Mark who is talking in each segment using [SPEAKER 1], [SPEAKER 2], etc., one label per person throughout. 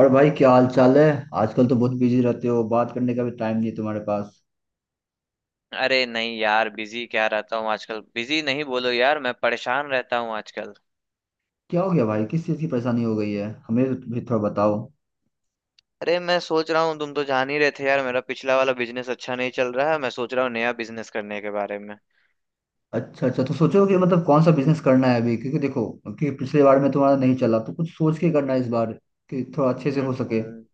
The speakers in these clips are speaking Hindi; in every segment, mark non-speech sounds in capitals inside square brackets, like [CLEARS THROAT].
[SPEAKER 1] और भाई क्या हाल चाल है? आजकल तो बहुत बिजी रहते हो, बात करने का भी टाइम नहीं है तुम्हारे पास।
[SPEAKER 2] अरे नहीं यार, बिजी क्या रहता हूँ आजकल। बिजी नहीं, बोलो यार, मैं परेशान रहता हूँ आजकल।
[SPEAKER 1] क्या हो गया भाई? किस चीज़ की परेशानी हो गई है? हमें भी थोड़ा बताओ।
[SPEAKER 2] अरे, मैं सोच रहा हूँ, तुम तो जान ही रहे थे यार, मेरा पिछला वाला बिजनेस अच्छा नहीं चल रहा है। मैं सोच रहा हूँ नया बिजनेस करने के बारे में।
[SPEAKER 1] अच्छा अच्छा, तो सोचो कि मतलब कौन सा बिजनेस करना है अभी, क्योंकि देखो कि पिछले बार में तुम्हारा नहीं चला तो कुछ सोच के करना है इस बार कि थोड़ा अच्छे से
[SPEAKER 2] हम्म
[SPEAKER 1] हो सके।
[SPEAKER 2] हम्म।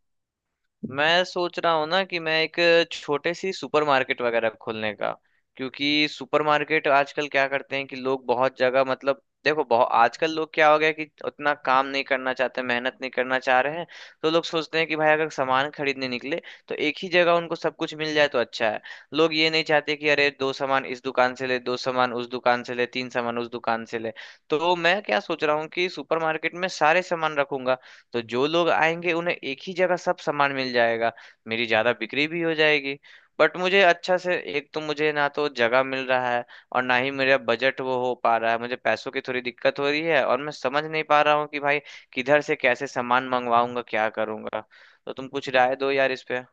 [SPEAKER 2] मैं सोच रहा हूँ ना कि मैं एक छोटे सी सुपरमार्केट वगैरह खोलने का। क्योंकि सुपरमार्केट आजकल क्या करते हैं कि लोग बहुत जगह, मतलब देखो, बहुत आजकल लोग क्या हो गया कि उतना काम नहीं करना चाहते, मेहनत नहीं करना चाह रहे हैं। तो लोग सोचते हैं कि भाई, अगर सामान खरीदने निकले तो एक ही जगह उनको सब कुछ मिल जाए तो अच्छा है। लोग ये नहीं चाहते कि अरे, दो सामान इस दुकान से ले, दो सामान उस दुकान से ले, तीन सामान उस दुकान से ले। तो मैं क्या सोच रहा हूँ कि सुपरमार्केट में सारे सामान रखूंगा, तो जो लोग आएंगे उन्हें एक ही जगह सब सामान मिल जाएगा, मेरी ज्यादा बिक्री भी हो जाएगी। बट मुझे अच्छा से, एक तो मुझे ना तो जगह मिल रहा है, और ना ही मेरा बजट वो हो पा रहा है, मुझे पैसों की थोड़ी दिक्कत हो रही है, और मैं समझ नहीं पा रहा हूँ कि भाई किधर से कैसे सामान मंगवाऊंगा, क्या करूंगा। तो तुम कुछ राय दो यार इस पे।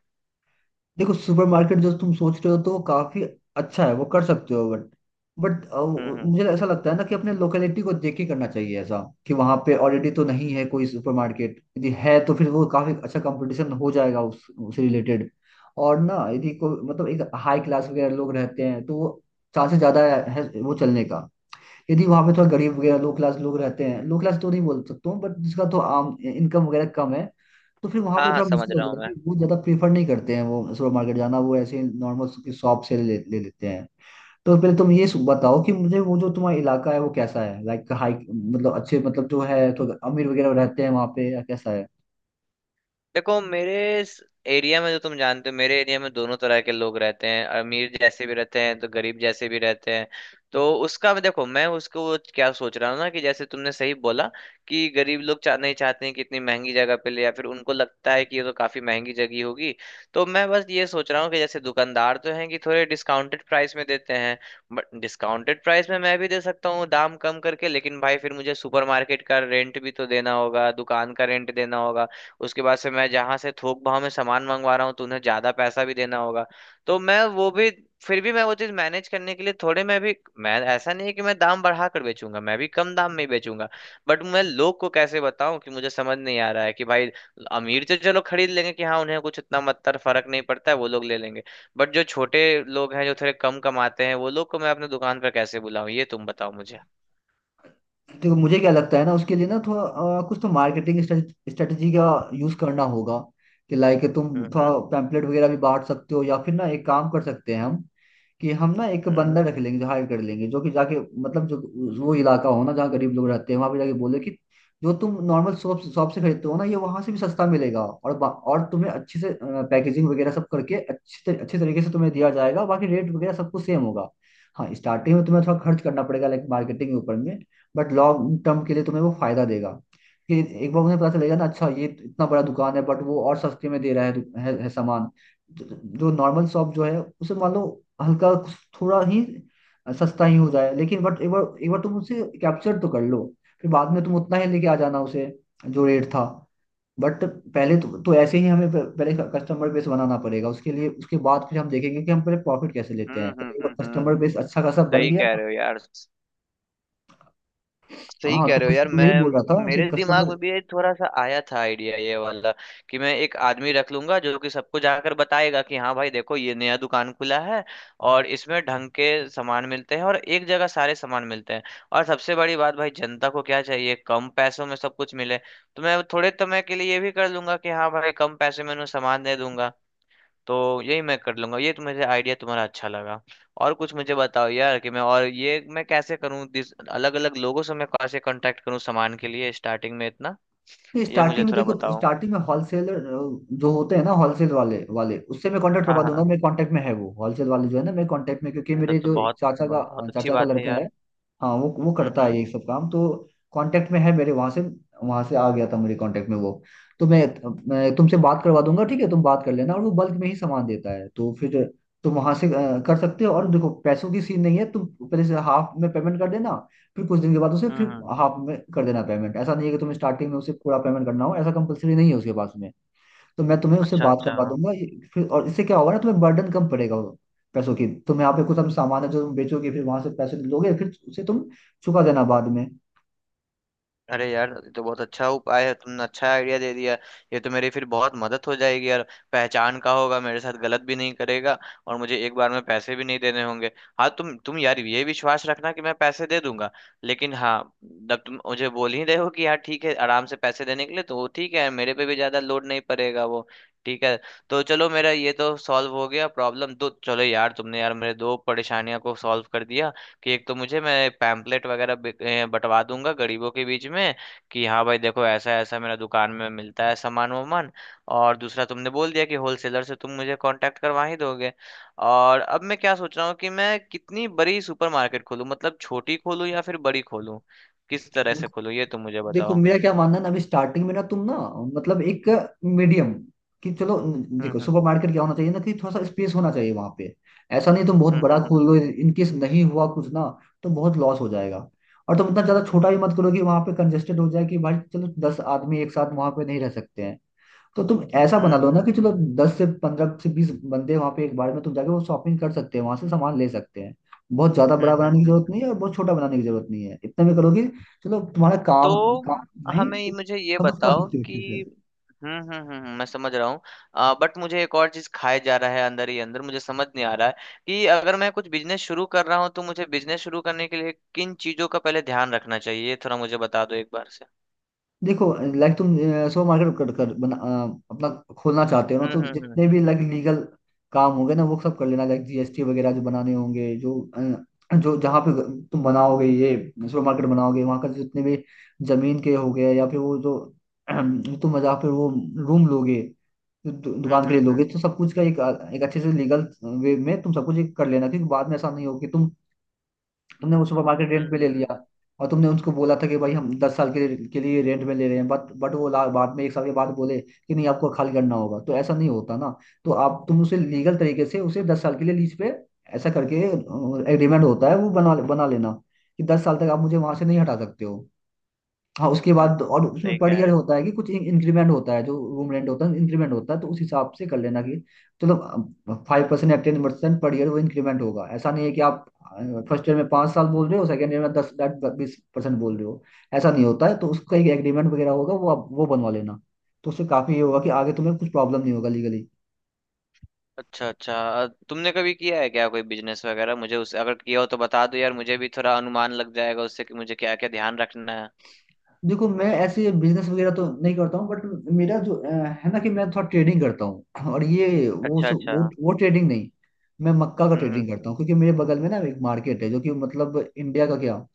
[SPEAKER 1] देखो, सुपरमार्केट जो तुम सोच रहे हो तो वो काफी अच्छा है, वो कर सकते हो, बट बट
[SPEAKER 2] हम्म।
[SPEAKER 1] मुझे ऐसा लगता है ना कि अपने लोकेलिटी को देख के करना चाहिए, ऐसा कि वहां पे ऑलरेडी तो नहीं है कोई सुपरमार्केट। यदि है तो फिर वो काफी अच्छा कंपटीशन हो जाएगा उस उससे रिलेटेड। और ना यदि कोई मतलब एक हाई क्लास वगैरह लोग रहते हैं तो वो चांसेस ज्यादा है वो चलने का। यदि वहां पे थोड़ा गरीब वगैरह लो क्लास लोग रहते हैं, लो क्लास तो नहीं बोल सकता हूँ बट जिसका तो आम इनकम वगैरह कम है, तो फिर वहां
[SPEAKER 2] हाँ
[SPEAKER 1] पे
[SPEAKER 2] हाँ,
[SPEAKER 1] थोड़ा
[SPEAKER 2] समझ
[SPEAKER 1] मुश्किल हो
[SPEAKER 2] रहा हूँ मैं।
[SPEAKER 1] जाएगी। वो ज्यादा प्रीफर नहीं करते हैं वो सुपर मार्केट जाना, वो ऐसे नॉर्मल शॉप से ले लेते हैं। तो पहले तुम ये बताओ कि मुझे वो जो तुम्हारा इलाका है वो कैसा है, लाइक हाई मतलब अच्छे मतलब जो है तो अमीर वगैरह रहते हैं वहाँ पे या कैसा है?
[SPEAKER 2] देखो मेरे इस एरिया में, जो तुम जानते हो, मेरे एरिया में दोनों तरह के लोग रहते हैं, अमीर जैसे भी रहते हैं तो गरीब जैसे भी रहते हैं। तो उसका मैं देखो मैं उसको क्या सोच रहा हूँ ना, कि जैसे तुमने सही बोला कि गरीब लोग चाह नहीं, चाहते हैं कि इतनी महंगी जगह पे ले, या फिर उनको लगता है कि ये तो काफी महंगी जगह होगी। तो मैं बस ये सोच रहा हूँ कि जैसे दुकानदार तो हैं कि थोड़े डिस्काउंटेड प्राइस में देते हैं। बट डिस्काउंटेड प्राइस में मैं भी दे सकता हूँ दाम कम करके, लेकिन भाई फिर मुझे सुपरमार्केट का रेंट भी तो देना होगा, दुकान का रेंट देना होगा। उसके बाद से मैं जहां से थोक भाव में सामान मंगवा रहा हूँ तो उन्हें ज्यादा पैसा भी देना होगा। तो मैं वो भी, फिर भी मैं वो चीज मैनेज करने के लिए, थोड़े मैं भी, मैं ऐसा नहीं है कि मैं दाम बढ़ा कर बेचूंगा, मैं भी कम दाम में ही बेचूंगा। बट मैं लोग को कैसे बताऊं, कि मुझे समझ नहीं आ रहा है कि भाई अमीर तो चलो खरीद लेंगे, कि हाँ उन्हें कुछ इतना मतलब फर्क नहीं पड़ता है, वो लोग ले लेंगे। बट जो छोटे लोग हैं जो थोड़े कम कमाते हैं वो लोग को मैं अपने दुकान पर कैसे बुलाऊं, ये तुम बताओ मुझे।
[SPEAKER 1] देखो मुझे क्या लगता है ना, उसके लिए ना थोड़ा कुछ तो मार्केटिंग स्ट्रेटेजी का यूज करना होगा, कि लाइक तुम
[SPEAKER 2] हम्म
[SPEAKER 1] थोड़ा
[SPEAKER 2] हम्म
[SPEAKER 1] पैम्पलेट वगैरह भी बांट सकते हो, या फिर ना एक काम कर सकते हैं हम कि हम ना एक
[SPEAKER 2] हम्म
[SPEAKER 1] बंदा रख लेंगे, जो हायर कर लेंगे, जो कि जाके मतलब जो वो इलाका हो ना जहाँ गरीब लोग रहते हैं वहां पे जाके बोले कि जो तुम नॉर्मल शॉप शॉप से खरीदते हो ना ये वहां से भी सस्ता मिलेगा। और और तुम्हें अच्छे से पैकेजिंग वगैरह सब करके अच्छे तरीके से तुम्हें दिया जाएगा, बाकी रेट वगैरह सब कुछ सेम होगा। हाँ, स्टार्टिंग में तुम्हें थोड़ा खर्च करना पड़ेगा लाइक मार्केटिंग के ऊपर में, बट लॉन्ग टर्म के लिए तुम्हें वो फायदा देगा कि एक बार उन्हें पता चलेगा ना अच्छा ये इतना बड़ा दुकान है बट वो और सस्ते में दे रहा है सामान। जो नॉर्मल शॉप जो है उसे मान लो हल्का कुछ, थोड़ा ही सस्ता ही हो जाए, लेकिन बट एक बार तुम उसे कैप्चर तो कर लो, फिर बाद में तुम उतना ही लेके आ जाना उसे जो रेट था। बट पहले तो ऐसे ही हमें पहले कस्टमर बेस बनाना पड़ेगा उसके लिए। उसके बाद फिर हम देखेंगे कि हम पहले प्रॉफिट कैसे लेते हैं, पहले एक बार
[SPEAKER 2] हम्म।
[SPEAKER 1] कस्टमर बेस अच्छा खासा बन
[SPEAKER 2] सही
[SPEAKER 1] गया
[SPEAKER 2] कह
[SPEAKER 1] ना।
[SPEAKER 2] रहे हो यार। सही
[SPEAKER 1] हाँ
[SPEAKER 2] कह
[SPEAKER 1] तो
[SPEAKER 2] रहे हो
[SPEAKER 1] बस
[SPEAKER 2] यार। मैं
[SPEAKER 1] यही बोल रहा था कि
[SPEAKER 2] मेरे दिमाग
[SPEAKER 1] कस्टमर,
[SPEAKER 2] में भी ये थोड़ा सा आया था आइडिया ये वाला, कि मैं एक आदमी रख लूंगा जो कि सबको जाकर बताएगा कि हाँ भाई देखो, ये नया दुकान खुला है, और इसमें ढंग के सामान मिलते हैं, और एक जगह सारे सामान मिलते हैं। और सबसे बड़ी बात भाई, जनता को क्या चाहिए? कम पैसों में सब कुछ मिले। तो मैं थोड़े समय के लिए ये भी कर लूंगा कि हाँ भाई कम पैसे में उन्हें सामान दे दूंगा। तो यही मैं कर लूंगा, ये तो मुझे आइडिया तुम्हारा अच्छा लगा। और कुछ मुझे बताओ यार, कि मैं, और ये मैं कैसे करूँ? दिस, अलग अलग लोगों से मैं कैसे कांटेक्ट करूँ सामान के लिए स्टार्टिंग में इतना?
[SPEAKER 1] नहीं
[SPEAKER 2] ये मुझे
[SPEAKER 1] स्टार्टिंग में
[SPEAKER 2] थोड़ा
[SPEAKER 1] देखो
[SPEAKER 2] बताओ।
[SPEAKER 1] स्टार्टिंग में होलसेलर जो होते हैं ना होलसेल वाले वाले उससे मैं कांटेक्ट
[SPEAKER 2] हाँ
[SPEAKER 1] करवा दूंगा।
[SPEAKER 2] हाँ।
[SPEAKER 1] मेरे कांटेक्ट में है वो होलसेल वाले जो है ना मेरे कांटेक्ट में, क्योंकि
[SPEAKER 2] ये
[SPEAKER 1] मेरे
[SPEAKER 2] तो
[SPEAKER 1] जो एक
[SPEAKER 2] बहुत
[SPEAKER 1] चाचा का
[SPEAKER 2] बहुत अच्छी
[SPEAKER 1] चाचा का
[SPEAKER 2] बात है
[SPEAKER 1] लड़का है,
[SPEAKER 2] यार।
[SPEAKER 1] हाँ वो
[SPEAKER 2] हम्म
[SPEAKER 1] करता है
[SPEAKER 2] हम्म
[SPEAKER 1] ये सब काम। तो कांटेक्ट में है मेरे वहां से, आ गया था मेरे कांटेक्ट में वो। तो मैं तुमसे बात करवा दूंगा, ठीक है? तुम बात कर लेना, और वो बल्क में ही सामान देता है तो फिर तुम वहां से कर सकते हो। और देखो पैसों की सीन नहीं है, तुम पहले से हाफ में पेमेंट कर देना, फिर कुछ दिन के बाद उसे फिर
[SPEAKER 2] हम्म।
[SPEAKER 1] हाफ में कर देना पेमेंट, ऐसा नहीं है कि तुम्हें स्टार्टिंग में उसे पूरा पेमेंट करना हो, ऐसा कंपलसरी नहीं है उसके पास में। तो मैं तुम्हें उससे
[SPEAKER 2] अच्छा
[SPEAKER 1] बात
[SPEAKER 2] अच्छा।
[SPEAKER 1] करवा दूंगा ये, फिर और इससे क्या होगा ना तुम्हें बर्डन कम पड़ेगा वो पैसों की। तुम यहाँ पे कुछ हम सामान है जो तुम बेचोगे फिर वहां से पैसे लोगे फिर उसे तुम चुका देना बाद में।
[SPEAKER 2] अरे यार ये तो बहुत अच्छा उपाय है, तुमने अच्छा आइडिया दे दिया। ये तो मेरी फिर बहुत मदद हो जाएगी यार। पहचान का होगा, मेरे साथ गलत भी नहीं करेगा। और मुझे एक बार में पैसे भी नहीं देने होंगे। हाँ तुम यार, ये विश्वास रखना कि मैं पैसे दे दूंगा, लेकिन हाँ, जब तुम मुझे बोल ही रहे हो कि यार ठीक है आराम से पैसे देने के लिए तो वो ठीक है, मेरे पे भी ज्यादा लोड नहीं पड़ेगा वो। ठीक है। तो चलो, मेरा ये तो सॉल्व हो गया प्रॉब्लम। तो चलो यार, तुमने यार मेरे दो परेशानियों को सॉल्व कर दिया। कि एक तो मुझे मैं पैम्पलेट वगैरह बंटवा दूंगा गरीबों के बीच में, कि हाँ भाई देखो ऐसा ऐसा मेरा दुकान में मिलता है सामान वामान। और दूसरा तुमने बोल दिया कि होलसेलर से तुम मुझे कांटेक्ट करवा ही दोगे। और अब मैं क्या सोच रहा हूँ कि मैं कितनी बड़ी सुपरमार्केट खोलूँ? मतलब छोटी खोलूँ या फिर बड़ी खोलूँ? किस तरह से खोलूँ, ये तुम मुझे
[SPEAKER 1] देखो
[SPEAKER 2] बताओ।
[SPEAKER 1] मेरा क्या मानना है ना अभी स्टार्टिंग में ना तुम ना मतलब एक मीडियम, कि चलो, देखो
[SPEAKER 2] हम्म हम्म
[SPEAKER 1] सुपरमार्केट क्या होना चाहिए ना कि थोड़ा सा स्पेस होना चाहिए वहां पे, ऐसा नहीं तुम बहुत
[SPEAKER 2] हम्म
[SPEAKER 1] बड़ा खोल
[SPEAKER 2] हम्म
[SPEAKER 1] लो इनकेस नहीं हुआ कुछ ना तो बहुत लॉस हो जाएगा। और तुम इतना ज्यादा छोटा भी मत करो कि वहां पे कंजेस्टेड हो जाए कि भाई चलो 10 आदमी एक साथ वहां पे नहीं रह सकते हैं। तो तुम ऐसा
[SPEAKER 2] हम्म
[SPEAKER 1] बना लो ना
[SPEAKER 2] हम्म
[SPEAKER 1] कि
[SPEAKER 2] हम्म
[SPEAKER 1] चलो
[SPEAKER 2] हम्म हम्म
[SPEAKER 1] 10 से 15 से 20 बंदे वहां पे एक बार में तुम जाके वो शॉपिंग कर सकते हैं वहां से सामान ले सकते हैं। बहुत ज्यादा बड़ा बनाने की जरूरत नहीं
[SPEAKER 2] हम्म।
[SPEAKER 1] है और बहुत छोटा बनाने की जरूरत नहीं है, इतने में करोगे, चलो तुम्हारा काम,
[SPEAKER 2] तो
[SPEAKER 1] काम नहीं,
[SPEAKER 2] हमें
[SPEAKER 1] तुम
[SPEAKER 2] मुझे ये
[SPEAKER 1] सब कुछ कर
[SPEAKER 2] बताओ
[SPEAKER 1] सकते हो
[SPEAKER 2] कि,
[SPEAKER 1] अच्छे से।
[SPEAKER 2] मैं समझ रहा हूँ। बट मुझे एक और चीज खाए जा रहा है अंदर ही अंदर, मुझे समझ नहीं आ रहा है कि अगर मैं कुछ बिजनेस शुरू कर रहा हूँ तो मुझे बिजनेस शुरू करने के लिए किन चीजों का पहले ध्यान रखना चाहिए, ये थोड़ा मुझे बता दो एक बार से।
[SPEAKER 1] देखो लाइक तुम सो मार्केट कर कर बना अपना खोलना चाहते हो ना, तो
[SPEAKER 2] हम्म हम्म
[SPEAKER 1] जितने भी
[SPEAKER 2] हम्म
[SPEAKER 1] लाइक लीगल काम होंगे ना वो सब कर लेना, लाइक जीएसटी वगैरह जो बनाने होंगे, जो जो जहाँ पे तुम बनाओगे ये सुपर मार्केट बनाओगे वहाँ का जितने भी जमीन के हो गए, या फिर वो जो [CLEARS THROAT] तुम जहाँ पे वो रूम लोगे जो
[SPEAKER 2] हम्म
[SPEAKER 1] दुकान
[SPEAKER 2] हम्म
[SPEAKER 1] के लिए
[SPEAKER 2] हम्म
[SPEAKER 1] लोगे,
[SPEAKER 2] हम्म,
[SPEAKER 1] तो सब कुछ का एक एक अच्छे से लीगल वे में तुम सब कुछ एक कर लेना। क्योंकि बाद में ऐसा नहीं हो कि तुम तुमने वो सुपर मार्केट रेंट पे ले
[SPEAKER 2] हम्म,
[SPEAKER 1] लिया, और तुमने उनको बोला था कि भाई हम 10 साल के लिए रेंट में ले रहे हैं, बट वो बाद में एक साल के बाद बोले कि नहीं आपको खाली करना होगा, तो ऐसा नहीं होता ना। तो आप तुम उसे लीगल तरीके से उसे 10 साल के लिए लीज पे, ऐसा करके एग्रीमेंट होता है वो बना बना लेना कि 10 साल तक आप मुझे वहां से नहीं हटा सकते हो। हाँ उसके
[SPEAKER 2] हम्म,
[SPEAKER 1] बाद, और
[SPEAKER 2] हम्म।
[SPEAKER 1] उसमें
[SPEAKER 2] सही
[SPEAKER 1] पर
[SPEAKER 2] कह
[SPEAKER 1] ईयर
[SPEAKER 2] रहे हो।
[SPEAKER 1] होता है कि कुछ इंक्रीमेंट होता है, जो रूम रेंट होता है इंक्रीमेंट होता है, तो उस हिसाब से कर लेना कि चलो 5% या 10% पर ईयर वो इंक्रीमेंट होगा। ऐसा नहीं है कि आप फर्स्ट ईयर में 5 साल बोल रहे हो, सेकेंड ईयर में 10-20% बोल रहे हो, ऐसा नहीं होता है। तो उसका एक एग्रीमेंट वगैरह होगा, वो आप वो बनवा लेना। तो उससे काफ़ी ये होगा कि आगे तुम्हें कुछ प्रॉब्लम नहीं होगा लीगली।
[SPEAKER 2] अच्छा अच्छा। तुमने कभी किया है क्या कोई बिजनेस वगैरह? मुझे उस, अगर किया हो तो बता दो यार, मुझे भी थोड़ा अनुमान लग जाएगा उससे कि मुझे क्या क्या ध्यान रखना है।
[SPEAKER 1] देखो मैं ऐसे बिजनेस वगैरह तो नहीं करता हूँ, बट मेरा जो है ना कि मैं थोड़ा ट्रेडिंग करता हूँ, और ये वो
[SPEAKER 2] अच्छा अच्छा।
[SPEAKER 1] वो ट्रेडिंग नहीं। मैं मक्का का
[SPEAKER 2] हम्म हम्म
[SPEAKER 1] ट्रेडिंग करता
[SPEAKER 2] हम्म।
[SPEAKER 1] हूँ, क्योंकि मेरे बगल में ना एक मार्केट है जो कि मतलब इंडिया का क्या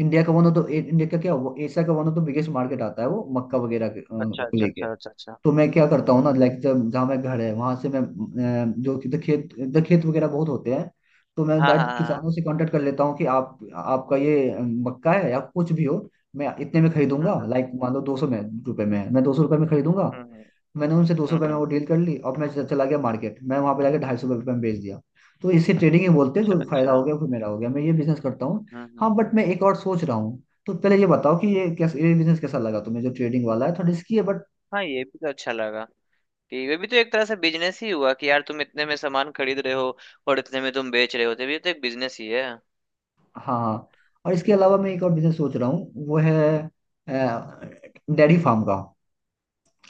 [SPEAKER 1] इंडिया का वन ऑफ द इंडिया का क्या वो एशिया का one of the biggest market आता है वो मक्का वगैरह
[SPEAKER 2] अच्छा
[SPEAKER 1] को
[SPEAKER 2] अच्छा
[SPEAKER 1] लेके।
[SPEAKER 2] अच्छा अच्छा अच्छा।
[SPEAKER 1] तो मैं क्या करता
[SPEAKER 2] हम्म
[SPEAKER 1] हूँ
[SPEAKER 2] हम्म
[SPEAKER 1] ना
[SPEAKER 2] हम्म।
[SPEAKER 1] लाइक जब जहाँ मैं घर है वहां से मैं जो कि तो खेत वगैरह बहुत होते हैं। तो मैं
[SPEAKER 2] हाँ
[SPEAKER 1] डायरेक्ट
[SPEAKER 2] हाँ।
[SPEAKER 1] किसानों से कांटेक्ट कर लेता हूँ कि आप आपका ये मक्का है या कुछ भी हो, मैं इतने में
[SPEAKER 2] हाँ
[SPEAKER 1] खरीदूंगा,
[SPEAKER 2] हाँ।
[SPEAKER 1] लाइक मान लो 200 में रुपए में है, मैं 200 रुपये में खरीदूंगा।
[SPEAKER 2] हम्म हम्म
[SPEAKER 1] मैंने उनसे 200
[SPEAKER 2] हम्म
[SPEAKER 1] रुपये में वो
[SPEAKER 2] हम्म।
[SPEAKER 1] डील कर ली, और मैं चला गया मार्केट, मैं वहां पे जाकर 250 रुपये में बेच दिया। तो इसे ट्रेडिंग ही बोलते हैं,
[SPEAKER 2] अच्छा
[SPEAKER 1] जो फायदा
[SPEAKER 2] अच्छा
[SPEAKER 1] हो गया फिर मेरा हो गया, मैं ये बिजनेस करता हूँ। हाँ
[SPEAKER 2] हम्म।
[SPEAKER 1] बट मैं एक और सोच रहा हूँ, तो पहले ये बताओ कि ये कैसे, ये बिजनेस कैसा लगा तुम्हें जो ट्रेडिंग वाला है, थोड़ा रिस्की है।
[SPEAKER 2] हाँ, ये भी तो अच्छा लगा, कि वे भी तो एक तरह से बिजनेस ही हुआ, कि यार तुम इतने में सामान खरीद रहे हो, और इतने में तुम बेच रहे हो, तो ये तो एक बिजनेस ही है।
[SPEAKER 1] हाँ हाँ। और इसके अलावा मैं एक और बिजनेस सोच रहा हूँ वो है डेयरी फार्म का।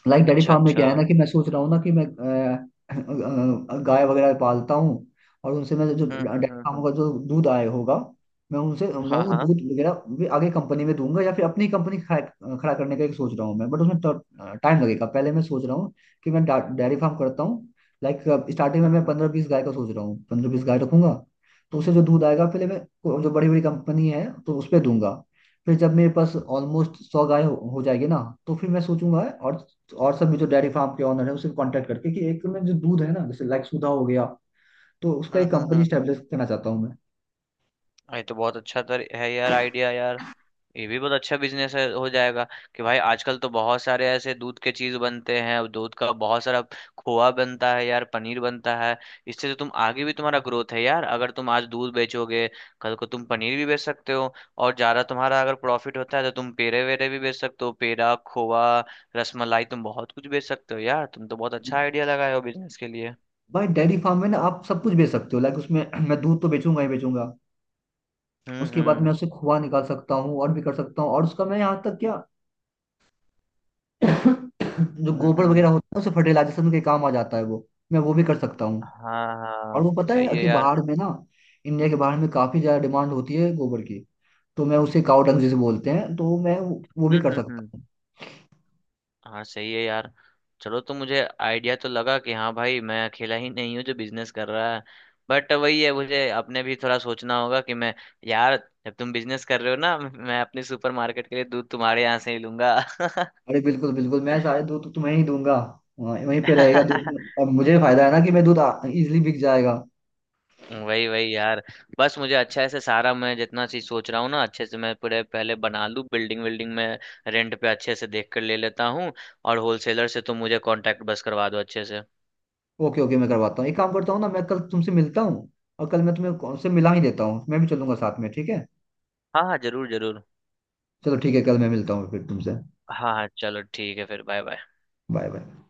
[SPEAKER 1] लाइक डेयरी
[SPEAKER 2] अच्छा
[SPEAKER 1] फार्म में
[SPEAKER 2] अच्छा।
[SPEAKER 1] क्या है ना कि मैं सोच रहा हूँ ना कि मैं गाय वगैरह पालता हूँ, और उनसे मैं जो
[SPEAKER 2] हम्म
[SPEAKER 1] डेयरी
[SPEAKER 2] हम्म
[SPEAKER 1] फार्म
[SPEAKER 2] हम्म।
[SPEAKER 1] का जो दूध आए होगा, मैं उनसे मैं
[SPEAKER 2] हाँ
[SPEAKER 1] वो
[SPEAKER 2] हाँ।
[SPEAKER 1] दूध वगैरह भी आगे कंपनी में दूंगा या फिर अपनी कंपनी खड़ा खड़ा करने का एक सोच रहा हूँ मैं, बट उसमें टाइम लगेगा। पहले मैं सोच रहा हूँ कि मैं डेयरी फार्म करता हूँ, लाइक स्टार्टिंग में
[SPEAKER 2] हम्म
[SPEAKER 1] मैं
[SPEAKER 2] हम्म
[SPEAKER 1] 15, 20 गाय का सोच रहा हूँ, 15, 20 गाय रखूंगा। तो उससे जो दूध आएगा, पहले मैं जो बड़ी बड़ी कंपनी है तो उस पर दूंगा। फिर जब मेरे पास ऑलमोस्ट 100 गाय हो जाएगी ना, तो फिर मैं सोचूंगा और, तो और सब भी जो डेयरी फार्म के ऑनर है उससे कांटेक्ट करके, कि एक में जो दूध है ना जैसे लाइक सुधा हो गया, तो उसका
[SPEAKER 2] हम्म
[SPEAKER 1] एक
[SPEAKER 2] हम्म
[SPEAKER 1] कंपनी
[SPEAKER 2] हम्म हम्म।
[SPEAKER 1] स्टेब्लिश करना चाहता हूँ मैं।
[SPEAKER 2] ये तो बहुत अच्छा तर है यार, आइडिया यार। ये भी बहुत अच्छा बिजनेस है, हो जाएगा। कि भाई आजकल तो बहुत सारे ऐसे दूध के चीज बनते हैं, और दूध का बहुत सारा खोआ बनता है यार, पनीर बनता है। इससे तो तुम, आगे भी तुम्हारा ग्रोथ है यार। अगर तुम आज दूध बेचोगे, कल को तुम पनीर भी बेच सकते हो। और ज्यादा तुम्हारा अगर प्रॉफिट होता है तो तुम पेड़े वेरे भी बेच सकते हो, पेड़ा, खोआ, रसमलाई, तुम बहुत कुछ बेच सकते हो यार। तुम तो बहुत अच्छा आइडिया लगाए हो बिजनेस के लिए।
[SPEAKER 1] भाई डेयरी फार्म में ना आप सब कुछ बेच सकते हो, लाइक उसमें [CLEARS THROAT] मैं दूध तो बेचूंगा ही बेचूंगा।
[SPEAKER 2] हम्म
[SPEAKER 1] उसके बाद मैं
[SPEAKER 2] हम्म
[SPEAKER 1] उससे खोआ निकाल सकता हूँ और भी कर सकता हूँ, और उसका मैं यहाँ तक क्या, [CLEARS THROAT] [COUGHS] जो गोबर वगैरह
[SPEAKER 2] हम्म।
[SPEAKER 1] होता है उसे फर्टिलाइजेशन के काम आ जाता है, वो मैं वो भी कर सकता हूँ।
[SPEAKER 2] हाँ
[SPEAKER 1] और
[SPEAKER 2] हाँ,
[SPEAKER 1] वो पता
[SPEAKER 2] सही
[SPEAKER 1] है
[SPEAKER 2] है
[SPEAKER 1] कि
[SPEAKER 2] यार।
[SPEAKER 1] बाहर में ना, इंडिया के बाहर में काफी ज्यादा डिमांड होती है गोबर की, तो मैं उसे काउ डंग जिसे बोलते हैं, तो मैं वो भी कर सकता
[SPEAKER 2] हम्म।
[SPEAKER 1] हूँ।
[SPEAKER 2] हाँ, सही है यार। चलो, तो मुझे आइडिया तो लगा कि हाँ भाई मैं अकेला ही नहीं हूँ जो बिजनेस कर रहा है। बट वही है, मुझे अपने भी थोड़ा सोचना होगा कि मैं, यार जब तुम बिजनेस कर रहे हो ना, [LAUGHS] मैं अपने सुपरमार्केट के लिए दूध तुम्हारे यहाँ से ही लूंगा।
[SPEAKER 1] अरे बिल्कुल बिल्कुल, मैं सारे दूध तो तुम्हें ही दूंगा, वहीं वहीं पे रहेगा
[SPEAKER 2] [LAUGHS]
[SPEAKER 1] दूध, और मुझे फायदा है ना कि मैं दूध इजिली बिक जाएगा।
[SPEAKER 2] वही वही यार। बस मुझे अच्छा से सारा, मैं जितना चीज सोच रहा हूँ ना अच्छे से मैं पूरे पहले बना लूँ बिल्डिंग विल्डिंग में, रेंट पे अच्छे से देख कर ले लेता हूँ। और होलसेलर से तुम मुझे कांटेक्ट बस करवा दो अच्छे से।
[SPEAKER 1] ओके ओके, मैं करवाता हूँ, एक काम करता हूँ ना, मैं कल तुमसे मिलता हूँ, और कल मैं तुम्हें कौन से मिला ही देता हूँ, मैं भी चलूंगा साथ में, ठीक है?
[SPEAKER 2] हाँ हाँ, जरूर जरूर।
[SPEAKER 1] चलो ठीक है, कल मैं मिलता हूँ फिर तुमसे।
[SPEAKER 2] हाँ हाँ, चलो ठीक है फिर, बाय बाय।
[SPEAKER 1] Bye bye.